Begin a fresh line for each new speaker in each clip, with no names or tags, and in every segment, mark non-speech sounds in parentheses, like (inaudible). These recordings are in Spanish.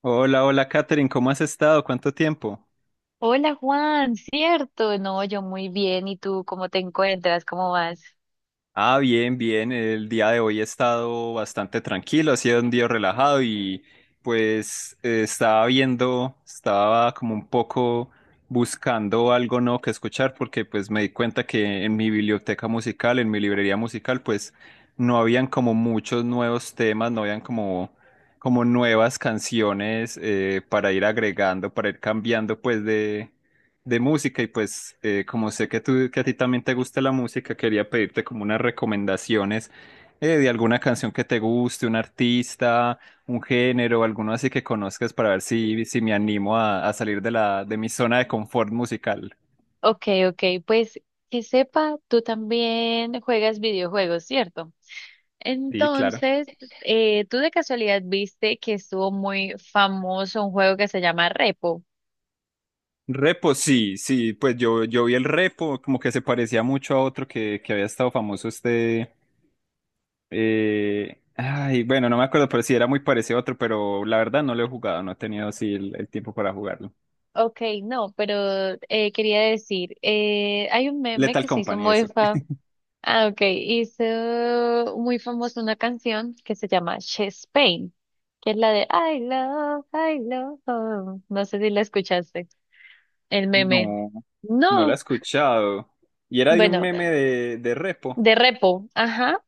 Hola, hola Katherine, ¿cómo has estado? ¿Cuánto tiempo?
Hola Juan, cierto, no, yo muy bien, ¿y tú cómo te encuentras? ¿Cómo vas?
Ah, bien, bien. El día de hoy he estado bastante tranquilo, ha sido un día relajado y pues estaba viendo, estaba como un poco buscando algo nuevo que escuchar, porque pues me di cuenta que en mi biblioteca musical, en mi librería musical, pues no habían como muchos nuevos temas, no habían como, como nuevas canciones para ir agregando, para ir cambiando pues de música. Y pues como sé que tú, que a ti también te gusta la música, quería pedirte como unas recomendaciones de alguna canción que te guste, un artista, un género, alguno así que conozcas, para ver si, si me animo a salir de la, de mi zona de confort musical.
Ok, ok, pues que sepa, tú también juegas videojuegos, ¿cierto?
Sí, claro.
Entonces, ¿tú de casualidad viste que estuvo muy famoso un juego que se llama Repo?
Repo, sí, sí, pues yo vi el repo, como que se parecía mucho a otro que había estado famoso este, ay, bueno, no me acuerdo, pero sí era muy parecido a otro, pero la verdad no lo he jugado, no he tenido así el tiempo para jugarlo.
Ok, no, pero quería decir, hay un meme
Lethal
que se hizo
Company,
muy
eso.
famoso.
(laughs)
Ah, ok. Hizo muy famosa una canción que se llama She's Pain, que es la de I love. You". No sé si la escuchaste. El meme.
No, no la he
No.
escuchado. ¿Y era de un
Bueno,
meme de Repo?
de repo. Ajá.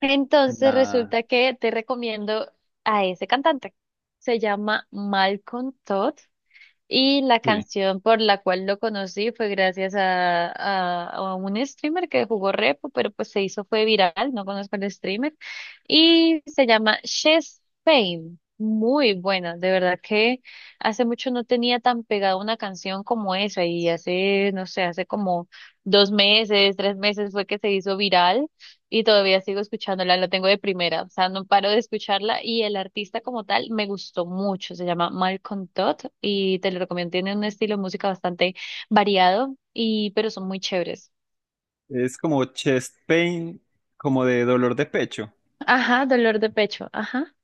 Entonces
Nah,
resulta que te recomiendo a ese cantante. Se llama Malcolm Todd. Y la
sí.
canción por la cual lo conocí fue gracias a un streamer que jugó repo, pero pues se hizo, fue viral, no conozco el streamer. Y se llama Chess Fame. Muy buena, de verdad que hace mucho no tenía tan pegada una canción como esa y hace, no sé, hace como dos meses, tres meses fue que se hizo viral y todavía sigo escuchándola, la tengo de primera, o sea, no paro de escucharla y el artista como tal me gustó mucho, se llama Malcolm Todd y te lo recomiendo, tiene un estilo de música bastante variado y pero son muy chéveres.
Es como chest pain, como de dolor de pecho.
Ajá, dolor de pecho, ajá.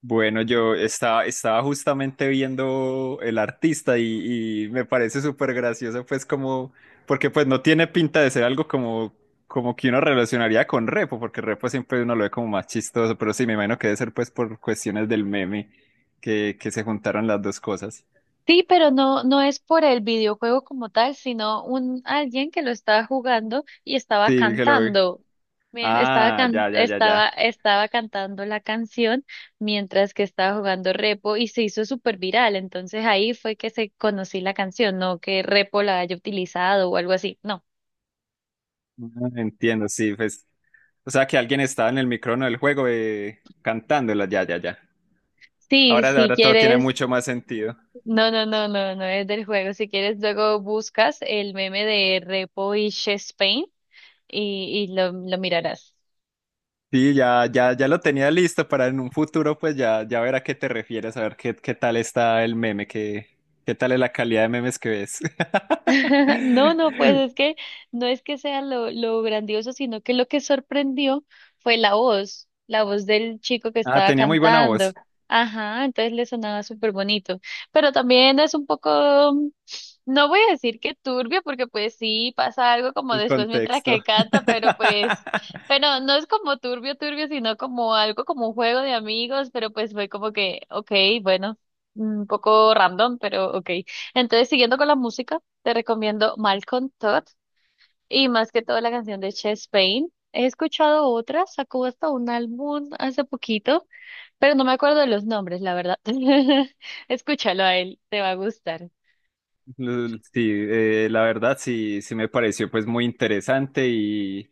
Bueno, yo estaba, estaba justamente viendo el artista y me parece súper gracioso, pues como, porque pues no tiene pinta de ser algo como, como que uno relacionaría con Repo, porque Repo siempre uno lo ve como más chistoso, pero sí, me imagino que debe ser pues por cuestiones del meme que se juntaron las dos cosas.
Sí, pero no, no es por el videojuego como tal, sino un alguien que lo estaba jugando y estaba
Sí, que lo vi.
cantando.
Ah, ya, ya, ya, ya.
Estaba cantando la canción mientras que estaba jugando Repo y se hizo súper viral. Entonces ahí fue que se conocí la canción, no que Repo la haya utilizado o algo así. No.
Ah, entiendo, sí, pues. O sea, que alguien estaba en el micrófono del juego cantándola, ya, ya, ya.
Sí,
Ahora,
si
ahora todo tiene
quieres.
mucho más sentido.
No, no, no, no, no es del juego. Si quieres, luego buscas el meme de Repo y Chess Pain y lo mirarás.
Sí, ya, ya, ya lo tenía listo para en un futuro, pues ya, ya ver a qué te refieres, a ver qué, qué tal está el meme, qué, qué tal es la calidad de memes que ves.
(laughs) No, no, pues
(laughs)
es que no es que sea lo grandioso, sino que lo que sorprendió fue la voz del chico que
Ah,
estaba
tenía muy buena
cantando.
voz,
Ajá, entonces le sonaba súper bonito. Pero también es un poco, mm, no voy a decir que turbio, porque pues sí pasa algo como
el
después mientras
contexto.
que canta, pero pues,
(laughs)
pero no es como turbio, turbio, sino como algo como un juego de amigos, pero pues fue como que, ok, bueno, un poco random, pero ok. Entonces, siguiendo con la música. Te recomiendo Malcolm Todd y más que todo la canción de Chess Pain. He escuchado otras, sacó hasta un álbum hace poquito, pero no me acuerdo de los nombres, la verdad. (laughs) Escúchalo a él, te va a gustar.
Sí, la verdad sí, sí me pareció pues muy interesante, y,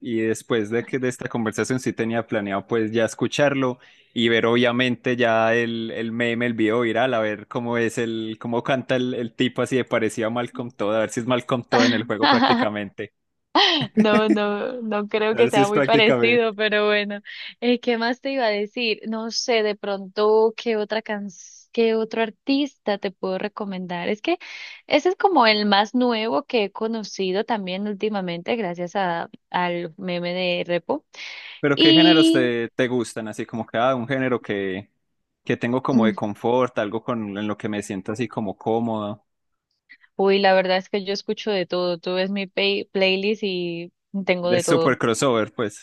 y después de que de esta conversación sí tenía planeado pues ya escucharlo y ver obviamente ya el meme, el video viral, a ver cómo es el, cómo canta el tipo así de parecido a Malcolm Todd, a ver si es Malcolm Todd en el juego
(laughs)
prácticamente.
No,
(laughs)
no, no creo
A
que
ver si
sea
es
muy
prácticamente.
parecido, pero bueno. ¿Qué más te iba a decir? No sé, de pronto, ¿qué otro artista te puedo recomendar? Es que ese es como el más nuevo que he conocido también últimamente, gracias al meme de Repo.
Pero ¿qué géneros
Y,
te, te gustan? Así como que ah, un género que tengo como de
mm,
confort, algo con en lo que me siento así como cómodo.
uy, la verdad es que yo escucho de todo. Tú ves mi playlist y tengo de
Es súper
todo.
crossover, pues.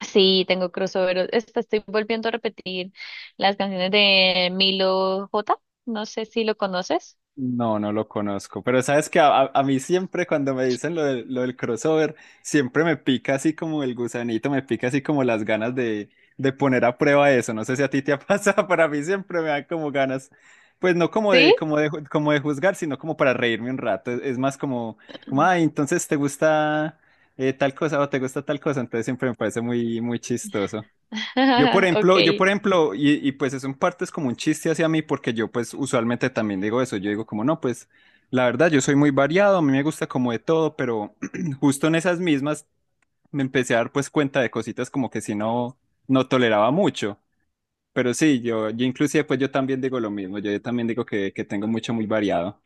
Sí, tengo crossover. Esta estoy volviendo a repetir las canciones de Milo J. No sé si lo conoces.
No, no lo conozco. Pero sabes que a, a mí siempre cuando me dicen lo del crossover, siempre me pica así como el gusanito, me pica así como las ganas de poner a prueba eso. No sé si a ti te ha (laughs) pasado, para mí siempre me dan como ganas, pues no como de,
¿Sí?
como de, como de juzgar, sino como para reírme un rato. Es más como, como, ay, entonces te gusta tal cosa o te gusta tal cosa. Entonces siempre me parece muy, muy chistoso.
(laughs) Ok.
Yo, por ejemplo, y pues eso en parte es como un chiste hacia mí, porque yo pues usualmente también digo eso, yo digo como no, pues la verdad yo soy muy variado, a mí me gusta como de todo, pero (clears throat) justo en esas mismas me empecé a dar pues cuenta de cositas como que si no, no toleraba mucho, pero sí, yo inclusive pues yo también digo lo mismo, yo también digo que tengo mucho muy variado.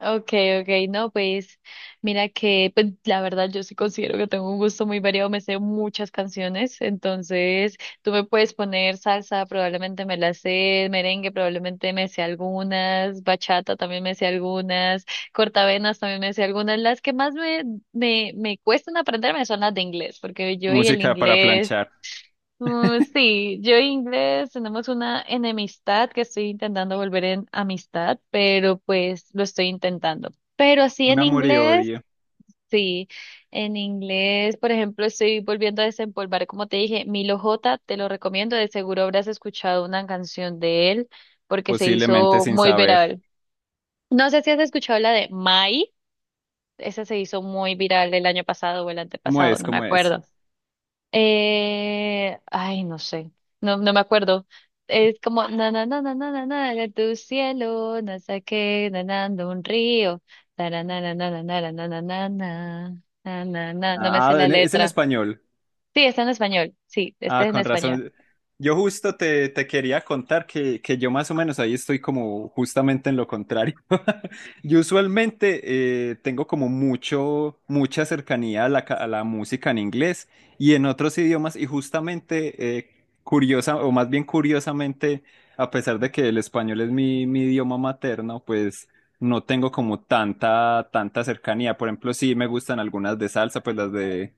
Okay, okay, no, pues mira que pues, la verdad yo sí considero que tengo un gusto muy variado, me sé muchas canciones, entonces tú me puedes poner salsa, probablemente me la sé, merengue probablemente me sé algunas, bachata también me sé algunas, cortavenas también me sé algunas, las que más me cuestan aprenderme son las de inglés, porque yo y el
Música para
inglés.
planchar,
Sí, yo e inglés tenemos una enemistad que estoy intentando volver en amistad, pero pues lo estoy intentando. Pero
un amor y odio,
sí, en inglés, por ejemplo, estoy volviendo a desempolvar, como te dije, Milo J, te lo recomiendo, de seguro habrás escuchado una canción de él porque se
posiblemente
hizo
sin
muy
saber,
viral. No sé si has escuchado la de Mai, esa se hizo muy viral el año pasado o el
¿cómo
antepasado,
es?
no me
¿Cómo es?
acuerdo. Ay, no sé, no, no me acuerdo. Es como na na na na na na na de tu cielo, no sé qué, nanando un río, tara, na na na na na na na na na na na na no me
Ah,
sé
ah,
la
es en
letra.
español.
Sí, está en español, sí, está
Ah,
en
con
español.
razón. Yo justo te, te quería contar que yo más o menos ahí estoy como justamente en lo contrario. (laughs) Yo usualmente tengo como mucho, mucha cercanía a la, a la música en inglés y en otros idiomas, y justamente curiosa, o más bien curiosamente, a pesar de que el español es mi, mi idioma materno, pues no tengo como tanta, tanta cercanía. Por ejemplo, sí me gustan algunas de salsa, pues las de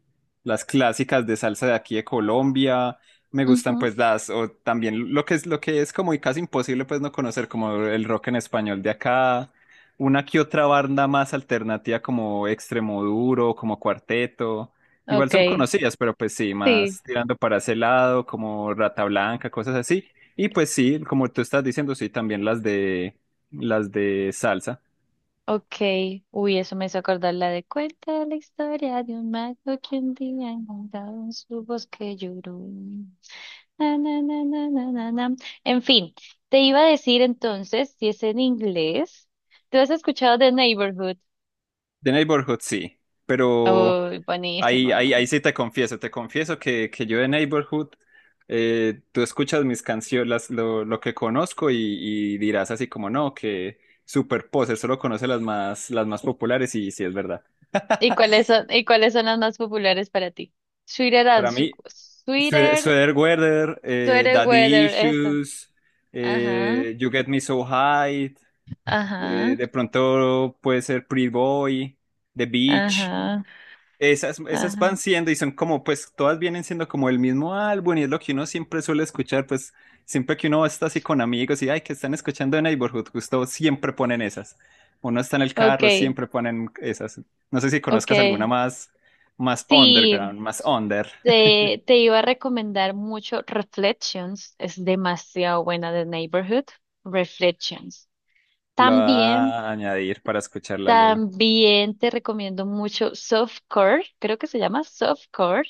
las clásicas de salsa de aquí de Colombia, me gustan
Ujú.
pues las, o también lo que es como y casi imposible pues no conocer como el rock en español de acá, una que otra banda más alternativa como Extremoduro, como Cuarteto, igual son
Okay,
conocidas, pero pues sí,
sí,
más tirando para ese lado, como Rata Blanca, cosas así, y pues sí, como tú estás diciendo, sí, también las de salsa.
okay. Uy, eso me hizo acordar la de cuenta la historia de un mago que un día encontrado en su bosque lloró. Na, na, na, na, na, na, na. En fin, te iba a decir entonces, si es en inglés, ¿tú has escuchado The Neighborhood?
The Neighborhood sí, pero...
Oh,
Ahí, ahí,
buenísima.
ahí sí te confieso que yo de Neighborhood, tú escuchas mis canciones, lo que conozco, y dirás así como no, que Super Poser solo conoce las más populares, y sí es verdad.
Y cuáles son las más populares para ti?
Para mí,
Sweeter,
Sweatweather,
Sweater
Daddy
Weather, eso.
Issues,
Ajá,
You Get Me So High,
ajá,
de pronto puede ser Pretty Boy, The Beach.
ajá,
Esas, esas
ajá.
van siendo y son como, pues todas vienen siendo como el mismo álbum, y es lo que uno siempre suele escuchar, pues siempre que uno está así con amigos y, ay, que están escuchando de Neighborhood, justo siempre ponen esas. Uno está en el carro,
Okay,
siempre ponen esas. No sé si conozcas alguna
ok.
más, más
Sí,
underground, más under.
te iba a recomendar mucho Reflections, es demasiado buena de Neighborhood. Reflections.
(laughs) Lo voy
También,
a añadir para escucharla luego.
también te recomiendo mucho Softcore, creo que se llama Softcore,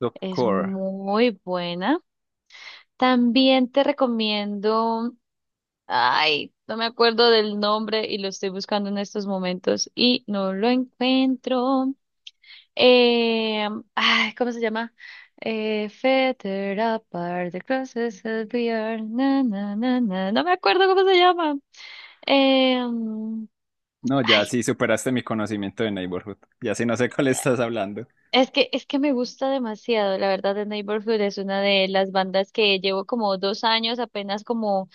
Top
es
core.
muy buena. También te recomiendo, ay, no me acuerdo del nombre y lo estoy buscando en estos momentos y no lo encuentro. Eh, ay, ¿cómo se llama? Fetter apart, the crosses that we are, na, na, na, na. No me acuerdo cómo se llama. Eh, mm,
No, ya
ay,
sí superaste mi conocimiento de Neighborhood. Ya sí no sé cuál estás hablando.
es que me gusta demasiado, la verdad, The Neighborhood es una de las bandas que llevo como dos años apenas como,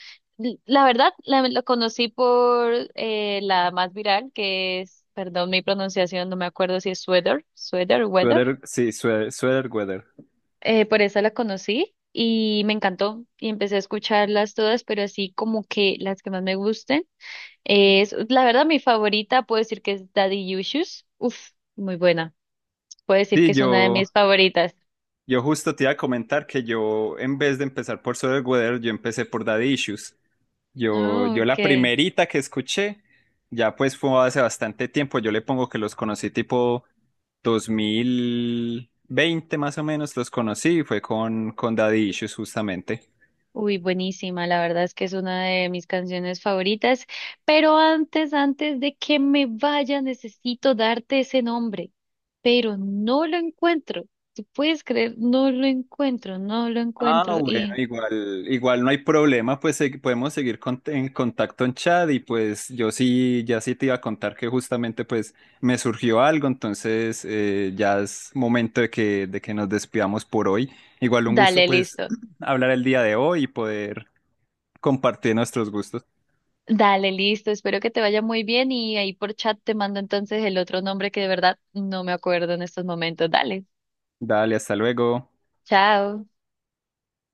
la verdad, la conocí por la más viral, que es, perdón mi pronunciación, no me acuerdo si es Weather,
Sweater, sí, sweater, sweater weather.
por esa la conocí y me encantó y empecé a escucharlas todas, pero así como que las que más me gusten es, la verdad, mi favorita puedo decir que es Daddy Issues. Uf, muy buena. Puedo decir
Sí,
que es una de
yo.
mis favoritas.
Yo justo te iba a comentar que yo, en vez de empezar por Sweater Weather, yo empecé por Daddy Issues. Yo,
Oh,
yo la
ok.
primerita que escuché, ya pues fue hace bastante tiempo, yo le pongo que los conocí tipo 2020 más o menos, los conocí y fue con Daddy Issues justamente.
Uy, buenísima. La verdad es que es una de mis canciones favoritas. Pero antes, antes de que me vaya, necesito darte ese nombre. Pero no lo encuentro. ¿Tú puedes creer? No lo encuentro, no lo
Ah,
encuentro.
bueno,
Y
igual, igual no hay problema, pues podemos seguir en contacto en chat, y pues yo sí, ya sí te iba a contar que justamente pues me surgió algo, entonces ya es momento de que nos despidamos por hoy. Igual un gusto
dale,
pues
listo.
(clears throat) hablar el día de hoy y poder compartir nuestros gustos.
Dale, listo. Espero que te vaya muy bien y ahí por chat te mando entonces el otro nombre que de verdad no me acuerdo en estos momentos. Dale.
Dale, hasta luego.
Chao.